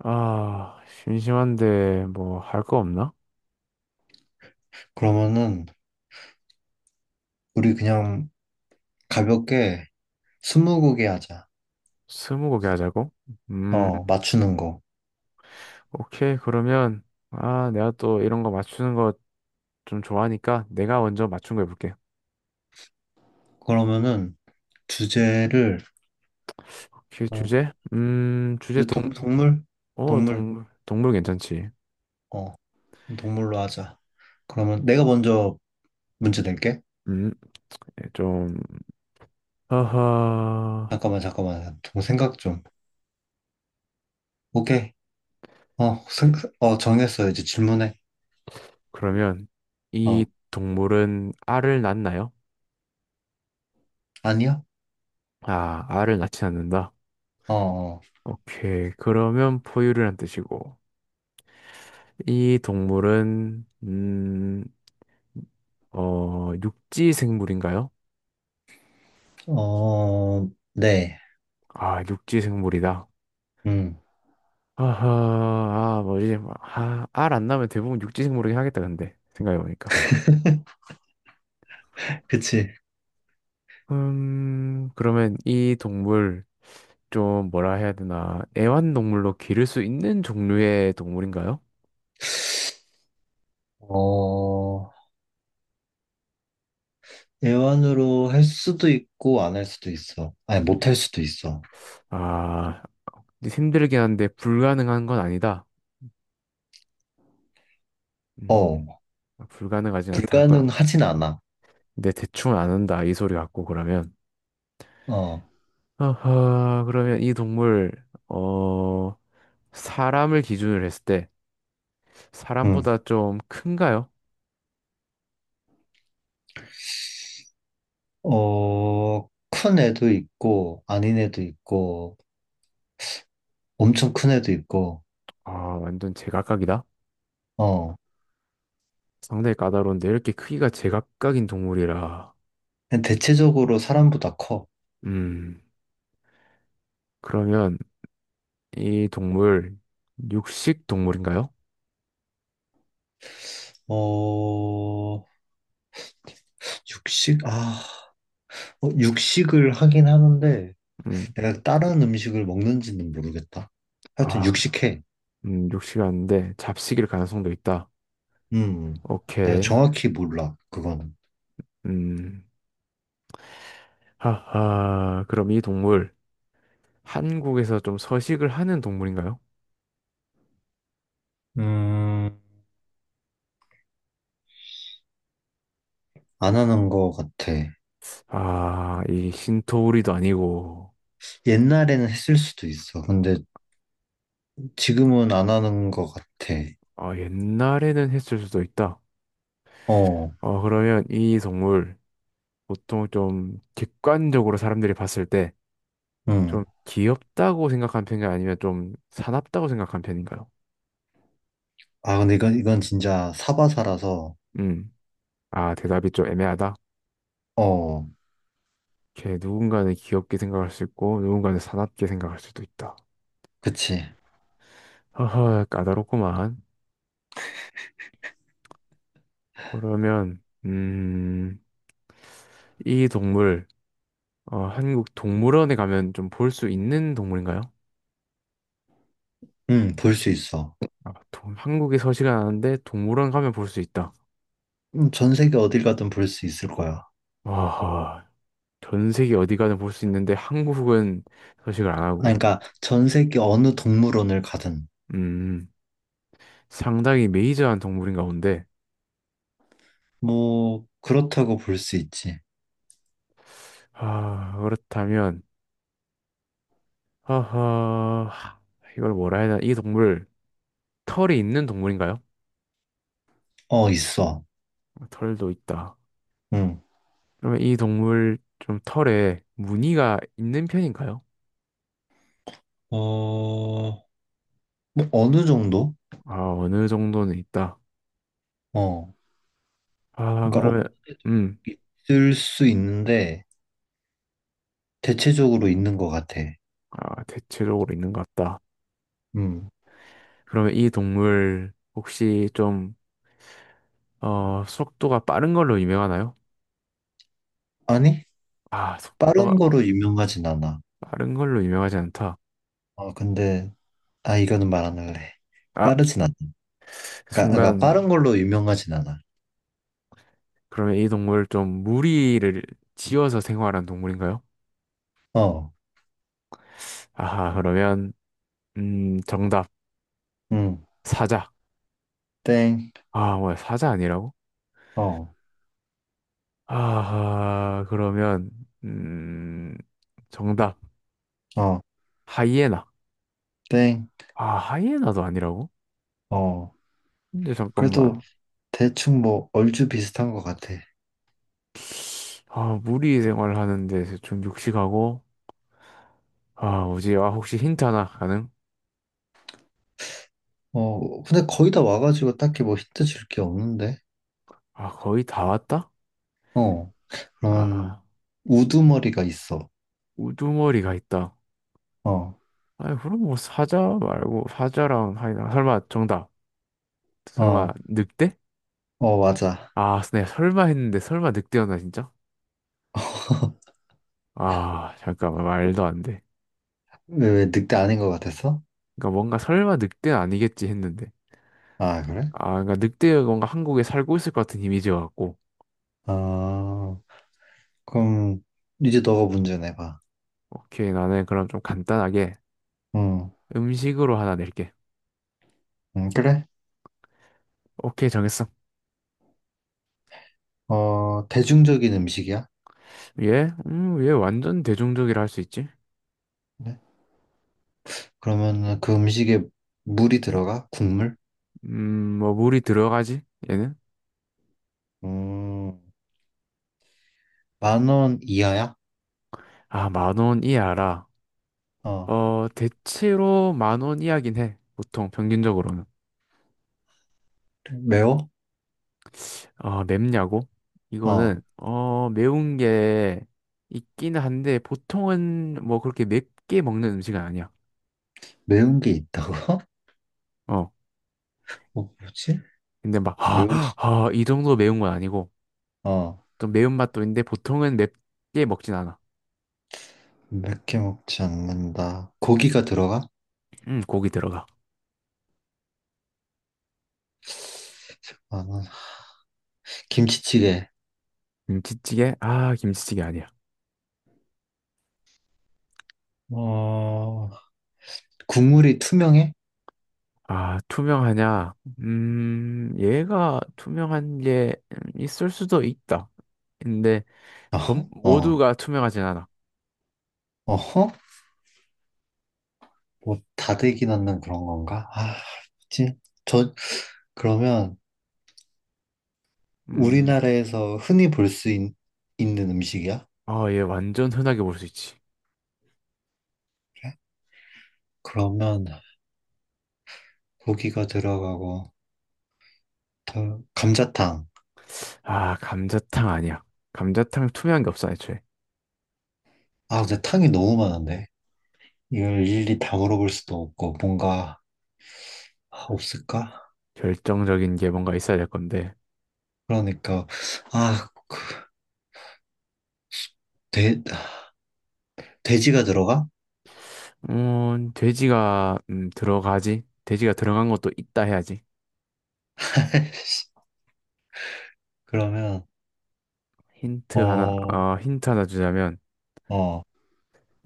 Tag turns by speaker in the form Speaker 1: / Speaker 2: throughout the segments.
Speaker 1: 아, 심심한데 뭐 할 거 없나?
Speaker 2: 그러면은 우리 그냥 가볍게 스무고개 하자.
Speaker 1: 스무고개 하자고? 음,
Speaker 2: 어, 맞추는 거.
Speaker 1: 오케이. 그러면 내가 또 이런 거 맞추는 거 좀 좋아하니까 내가 먼저 맞춘 거 해볼게.
Speaker 2: 그러면은 주제를
Speaker 1: 오케이,
Speaker 2: 어,
Speaker 1: 주제? 주제
Speaker 2: 주제 동물? 동물.
Speaker 1: 동물 괜찮지?
Speaker 2: 어, 동물로 하자. 그러면 내가 먼저 문제 낼게.
Speaker 1: 음, 예, 좀, 허허.
Speaker 2: 잠깐만, 잠깐만. 좀 생각 좀. 오케이. 어, 생, 어, 정했어. 이제 질문해.
Speaker 1: 그러면 이
Speaker 2: 어,
Speaker 1: 동물은 알을 낳나요?
Speaker 2: 아니야?
Speaker 1: 아, 알을 낳지 않는다.
Speaker 2: 어,
Speaker 1: 오케이, 그러면 포유류란 뜻이고. 이 동물은, 육지 생물인가요?
Speaker 2: 어, 네.
Speaker 1: 아, 육지 생물이다.
Speaker 2: 음,
Speaker 1: 아하, 아, 뭐지? 아, 알안 나면 대부분 육지 생물이긴 하겠다, 근데. 생각해보니까.
Speaker 2: 그치.
Speaker 1: 그러면 이 동물, 좀 뭐라 해야 되나. 애완동물로 기를 수 있는 종류의 동물인가요?
Speaker 2: 어, 대화로 할 수도 있고 안 할 수도 있어. 아니 못
Speaker 1: 음,
Speaker 2: 할 수도 있어.
Speaker 1: 아, 힘들긴 한데 불가능한 건 아니다. 음,
Speaker 2: 어,
Speaker 1: 불가능하진 않다. 그럼.
Speaker 2: 불가능하진 않아.
Speaker 1: 근데 대충 안 한다. 이 소리 같고, 그러면.
Speaker 2: 어,
Speaker 1: 아하, 그러면 이 동물, 어, 사람을 기준으로 했을 때
Speaker 2: 응.
Speaker 1: 사람보다 좀 큰가요?
Speaker 2: 어큰 애도 있고 아닌 애도 있고 엄청 큰 애도 있고.
Speaker 1: 아, 완전 제각각이다.
Speaker 2: 어,
Speaker 1: 상당히 까다로운데 이렇게 크기가 제각각인 동물이라.
Speaker 2: 그냥 대체적으로 사람보다 커.
Speaker 1: 음, 그러면 이 동물 육식 동물인가요?
Speaker 2: 어 육식 아 어, 육식을 하긴 하는데
Speaker 1: 음,
Speaker 2: 내가 다른 음식을 먹는지는 모르겠다. 하여튼
Speaker 1: 아,
Speaker 2: 육식해.
Speaker 1: 육식이 아닌데 잡식일 가능성도 있다.
Speaker 2: 음, 내가
Speaker 1: 오케이.
Speaker 2: 정확히 몰라 그거는.
Speaker 1: 음, 하하. 그럼 이 동물 한국에서 좀 서식을 하는 동물인가요?
Speaker 2: 음. 안 하는 거 같아.
Speaker 1: 아, 이 신토우리도 아니고,
Speaker 2: 옛날에는 했을 수도 있어. 근데 지금은 안 하는 거 같아.
Speaker 1: 아, 옛날에는 했을 수도 있다.
Speaker 2: 어,
Speaker 1: 어, 그러면 이 동물 보통 좀 객관적으로 사람들이 봤을 때
Speaker 2: 응.
Speaker 1: 좀 귀엽다고 생각한 편인요 아니면 좀 사납다고 생각한 편인가요?
Speaker 2: 아, 근데 이건 진짜 사바사라서,
Speaker 1: 음. 아, 대답이 좀 애매하다.
Speaker 2: 어,
Speaker 1: 이렇게 누군가는 귀엽게 생각할 수 있고 누군가는 사납게 생각할 수도 있다.
Speaker 2: 그치.
Speaker 1: 허허, 까다롭구만. 그러면 이 동물 어, 한국 동물원에 가면 좀 볼 수 있는 동물인가요?
Speaker 2: 응, 볼 수 있어.
Speaker 1: 아, 동- 한국에 서식은 않는데 동물원 가면 볼 수 있다.
Speaker 2: 전 세계 어딜 가든 볼 수 있을 거야.
Speaker 1: 와, 전 세계 어디 가든 볼 수 있는데 한국은 서식을 안
Speaker 2: 아,
Speaker 1: 하고,
Speaker 2: 그러니까 전 세계 어느 동물원을 가든,
Speaker 1: 음, 상당히 메이저한 동물인가 본데,
Speaker 2: 뭐, 그렇다고 볼 수 있지.
Speaker 1: 아, 그렇다면, 하하, 이걸 뭐라 해야 되나, 이 동물, 털이 있는 동물인가요?
Speaker 2: 어, 있어.
Speaker 1: 털도 있다.
Speaker 2: 응.
Speaker 1: 그러면 이 동물 좀 털에 무늬가 있는 편인가요?
Speaker 2: 어, 뭐, 어느 정도?
Speaker 1: 아, 어느 정도는 있다.
Speaker 2: 어.
Speaker 1: 아,
Speaker 2: 그러니까
Speaker 1: 그러면,
Speaker 2: 어느 정도
Speaker 1: 음,
Speaker 2: 있을 수 있는데, 대체적으로 있는 것 같아.
Speaker 1: 아, 대체적으로 있는 것 같다.
Speaker 2: 음.
Speaker 1: 그러면 이 동물 혹시 좀, 어, 속도가 빠른 걸로 유명하나요?
Speaker 2: 아니,
Speaker 1: 아, 속도가
Speaker 2: 빠른 거로 유명하진 않아.
Speaker 1: 빠른 걸로 유명하지 않다.
Speaker 2: 아, 근데, 아, 이거는 말 안 할래.
Speaker 1: 아,
Speaker 2: 빠르진 않아. 그러니까
Speaker 1: 순간,
Speaker 2: 빠른 걸로 유명하진 않아.
Speaker 1: 그러면 이 동물 좀 무리를 지어서 생활한 동물인가요?
Speaker 2: 어,
Speaker 1: 아하, 그러면, 정답.
Speaker 2: 음,
Speaker 1: 사자.
Speaker 2: 땡,
Speaker 1: 아, 뭐야, 사자 아니라고?
Speaker 2: 어,
Speaker 1: 아하, 그러면, 음, 정답.
Speaker 2: 어,
Speaker 1: 하이에나.
Speaker 2: 땡,
Speaker 1: 아, 하이에나도 아니라고?
Speaker 2: 어.
Speaker 1: 근데
Speaker 2: 그래도
Speaker 1: 잠깐만.
Speaker 2: 대충 뭐, 얼추 비슷한 것 같아.
Speaker 1: 아, 무리 생활을 하는데 좀 육식하고, 아, 뭐지? 아, 혹시 힌트 하나 가능?
Speaker 2: 어, 근데 거의 다 와가지고 딱히 뭐 힌트 줄 게 없는데.
Speaker 1: 아, 거의 다 왔다?
Speaker 2: 어, 그런
Speaker 1: 아,
Speaker 2: 우두머리가 있어.
Speaker 1: 우두머리가 있다.
Speaker 2: 어,
Speaker 1: 아니, 그럼 뭐 사자 말고 사자랑 하이나 설마 정답.
Speaker 2: 어,
Speaker 1: 설마 늑대?
Speaker 2: 어, 맞아.
Speaker 1: 아, 네, 설마 했는데 설마 늑대였나 진짜? 아, 잠깐만 말도 안 돼.
Speaker 2: 왜 늑대 아닌 것 같았어?
Speaker 1: 그러니까 뭔가 설마 늑대는 아니겠지 했는데.
Speaker 2: 아, 그래?
Speaker 1: 아, 그러니까 늑대가 뭔가 한국에 살고 있을 것 같은 이미지여 갖고.
Speaker 2: 아. 그럼 이제 너가 문제 내봐.
Speaker 1: 오케이, 나는 그럼 좀 간단하게
Speaker 2: 응.
Speaker 1: 음식으로 하나 낼게.
Speaker 2: 응, 그래?
Speaker 1: 오케이, 정했어.
Speaker 2: 어, 대중적인 음식이야?
Speaker 1: 얘? 얘 완전 대중적이라 할 수 있지?
Speaker 2: 네. 그러면 그 음식에 물이 들어가? 국물?
Speaker 1: 뭐 물이 들어가지? 얘는?
Speaker 2: 음, 10,000원 이하야?
Speaker 1: 아, 만원이알라
Speaker 2: 어,
Speaker 1: 어, 대체로 만 원 이하긴 해. 보통 평균적으로는.
Speaker 2: 그래. 매워?
Speaker 1: 아, 맵냐고? 이거는
Speaker 2: 어,
Speaker 1: 어, 매운 게 있기는 한데 보통은 뭐 그렇게 맵게 먹는 음식은 아니야.
Speaker 2: 매운 게 있다고?
Speaker 1: 어.
Speaker 2: 어, 뭐지?
Speaker 1: 근데 막
Speaker 2: 매우, 시-
Speaker 1: 이 정도 매운 건 아니고
Speaker 2: 어,
Speaker 1: 또 매운맛도 있는데 보통은 맵게 먹진 않아.
Speaker 2: 맵게 먹지 않는다. 고기가 들어가?
Speaker 1: 고기 들어가.
Speaker 2: 10,000원. 김치찌개.
Speaker 1: 김치찌개? 아, 김치찌개 아니야.
Speaker 2: 어, 국물이 투명해?
Speaker 1: 아, 투명하냐? 얘가 투명한 게 있을 수도 있다. 근데 전
Speaker 2: 어, 어,
Speaker 1: 모두가 투명하진 않아.
Speaker 2: 어. 뭐 다대기 넣는 그런 건가? 진, 저, 그러면
Speaker 1: 음,
Speaker 2: 우리나라에서 흔히 볼 수 있는 음식이야?
Speaker 1: 아, 얘 완전 흔하게 볼 수 있지.
Speaker 2: 그래? 그러면 고기가 들어가고, 감자탕.
Speaker 1: 아, 감자탕 아니야. 감자탕 투명한 게 없어, 애초에.
Speaker 2: 아, 근데 탕이 너무 많은데? 이걸 일일이 다 물어볼 수도 없고, 뭔가 없을까?
Speaker 1: 결정적인 게 뭔가 있어야 될 건데.
Speaker 2: 그러니까, 아, 그 돼, 돼지가 들어가?
Speaker 1: 돼지가, 들어가지? 돼지가 들어간 것도 있다 해야지.
Speaker 2: 그러면, 어,
Speaker 1: 힌트 하나 주자면,
Speaker 2: 어,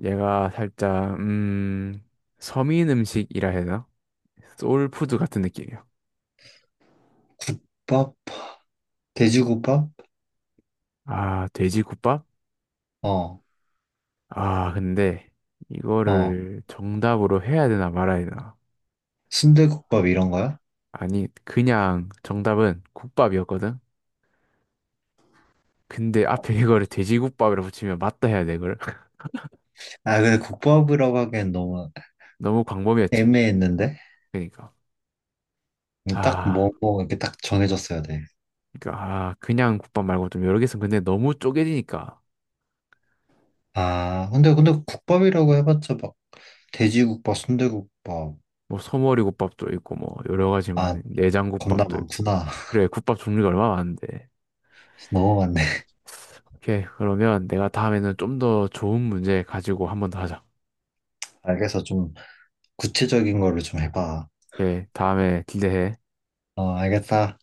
Speaker 1: 얘가 살짝, 서민 음식이라 해야 되나? 소울푸드 같은 느낌이야.
Speaker 2: 국밥? 돼지국밥?
Speaker 1: 아, 돼지국밥?
Speaker 2: 어,
Speaker 1: 아, 근데,
Speaker 2: 어,
Speaker 1: 이거를 정답으로 해야 되나 말아야 되나?
Speaker 2: 순대국밥 이런 거야?
Speaker 1: 아니, 그냥 정답은 국밥이었거든? 근데 앞에 이거를 돼지국밥이라 붙이면 맞다 해야 돼, 이걸.
Speaker 2: 아, 근데 국밥이라고 하기엔 너무
Speaker 1: 너무 광범위했지.
Speaker 2: 애매했는데?
Speaker 1: 그니까.
Speaker 2: 뭐 딱
Speaker 1: 아,
Speaker 2: 이렇게 딱 정해졌어야 돼.
Speaker 1: 그니까, 아, 그냥 국밥 말고 좀 여러 개 있으면 근데 너무 쪼개지니까.
Speaker 2: 근데 국밥이라고 해봤자 막, 돼지국밥, 순대국밥.
Speaker 1: 뭐, 소머리 국밥도 있고, 뭐, 여러 가지
Speaker 2: 아,
Speaker 1: 많이,
Speaker 2: 겁나
Speaker 1: 내장국밥도 있고.
Speaker 2: 많구나.
Speaker 1: 그래, 국밥 종류가 얼마나 많은데.
Speaker 2: 너무 많네.
Speaker 1: 오케이, 그러면 내가 다음에는 좀 더 좋은 문제 가지고 한번 더 하자.
Speaker 2: 알겠어. 좀 구체적인 거를 좀 해봐.
Speaker 1: 오케이, 다음에 기대해.
Speaker 2: 어, 알겠다.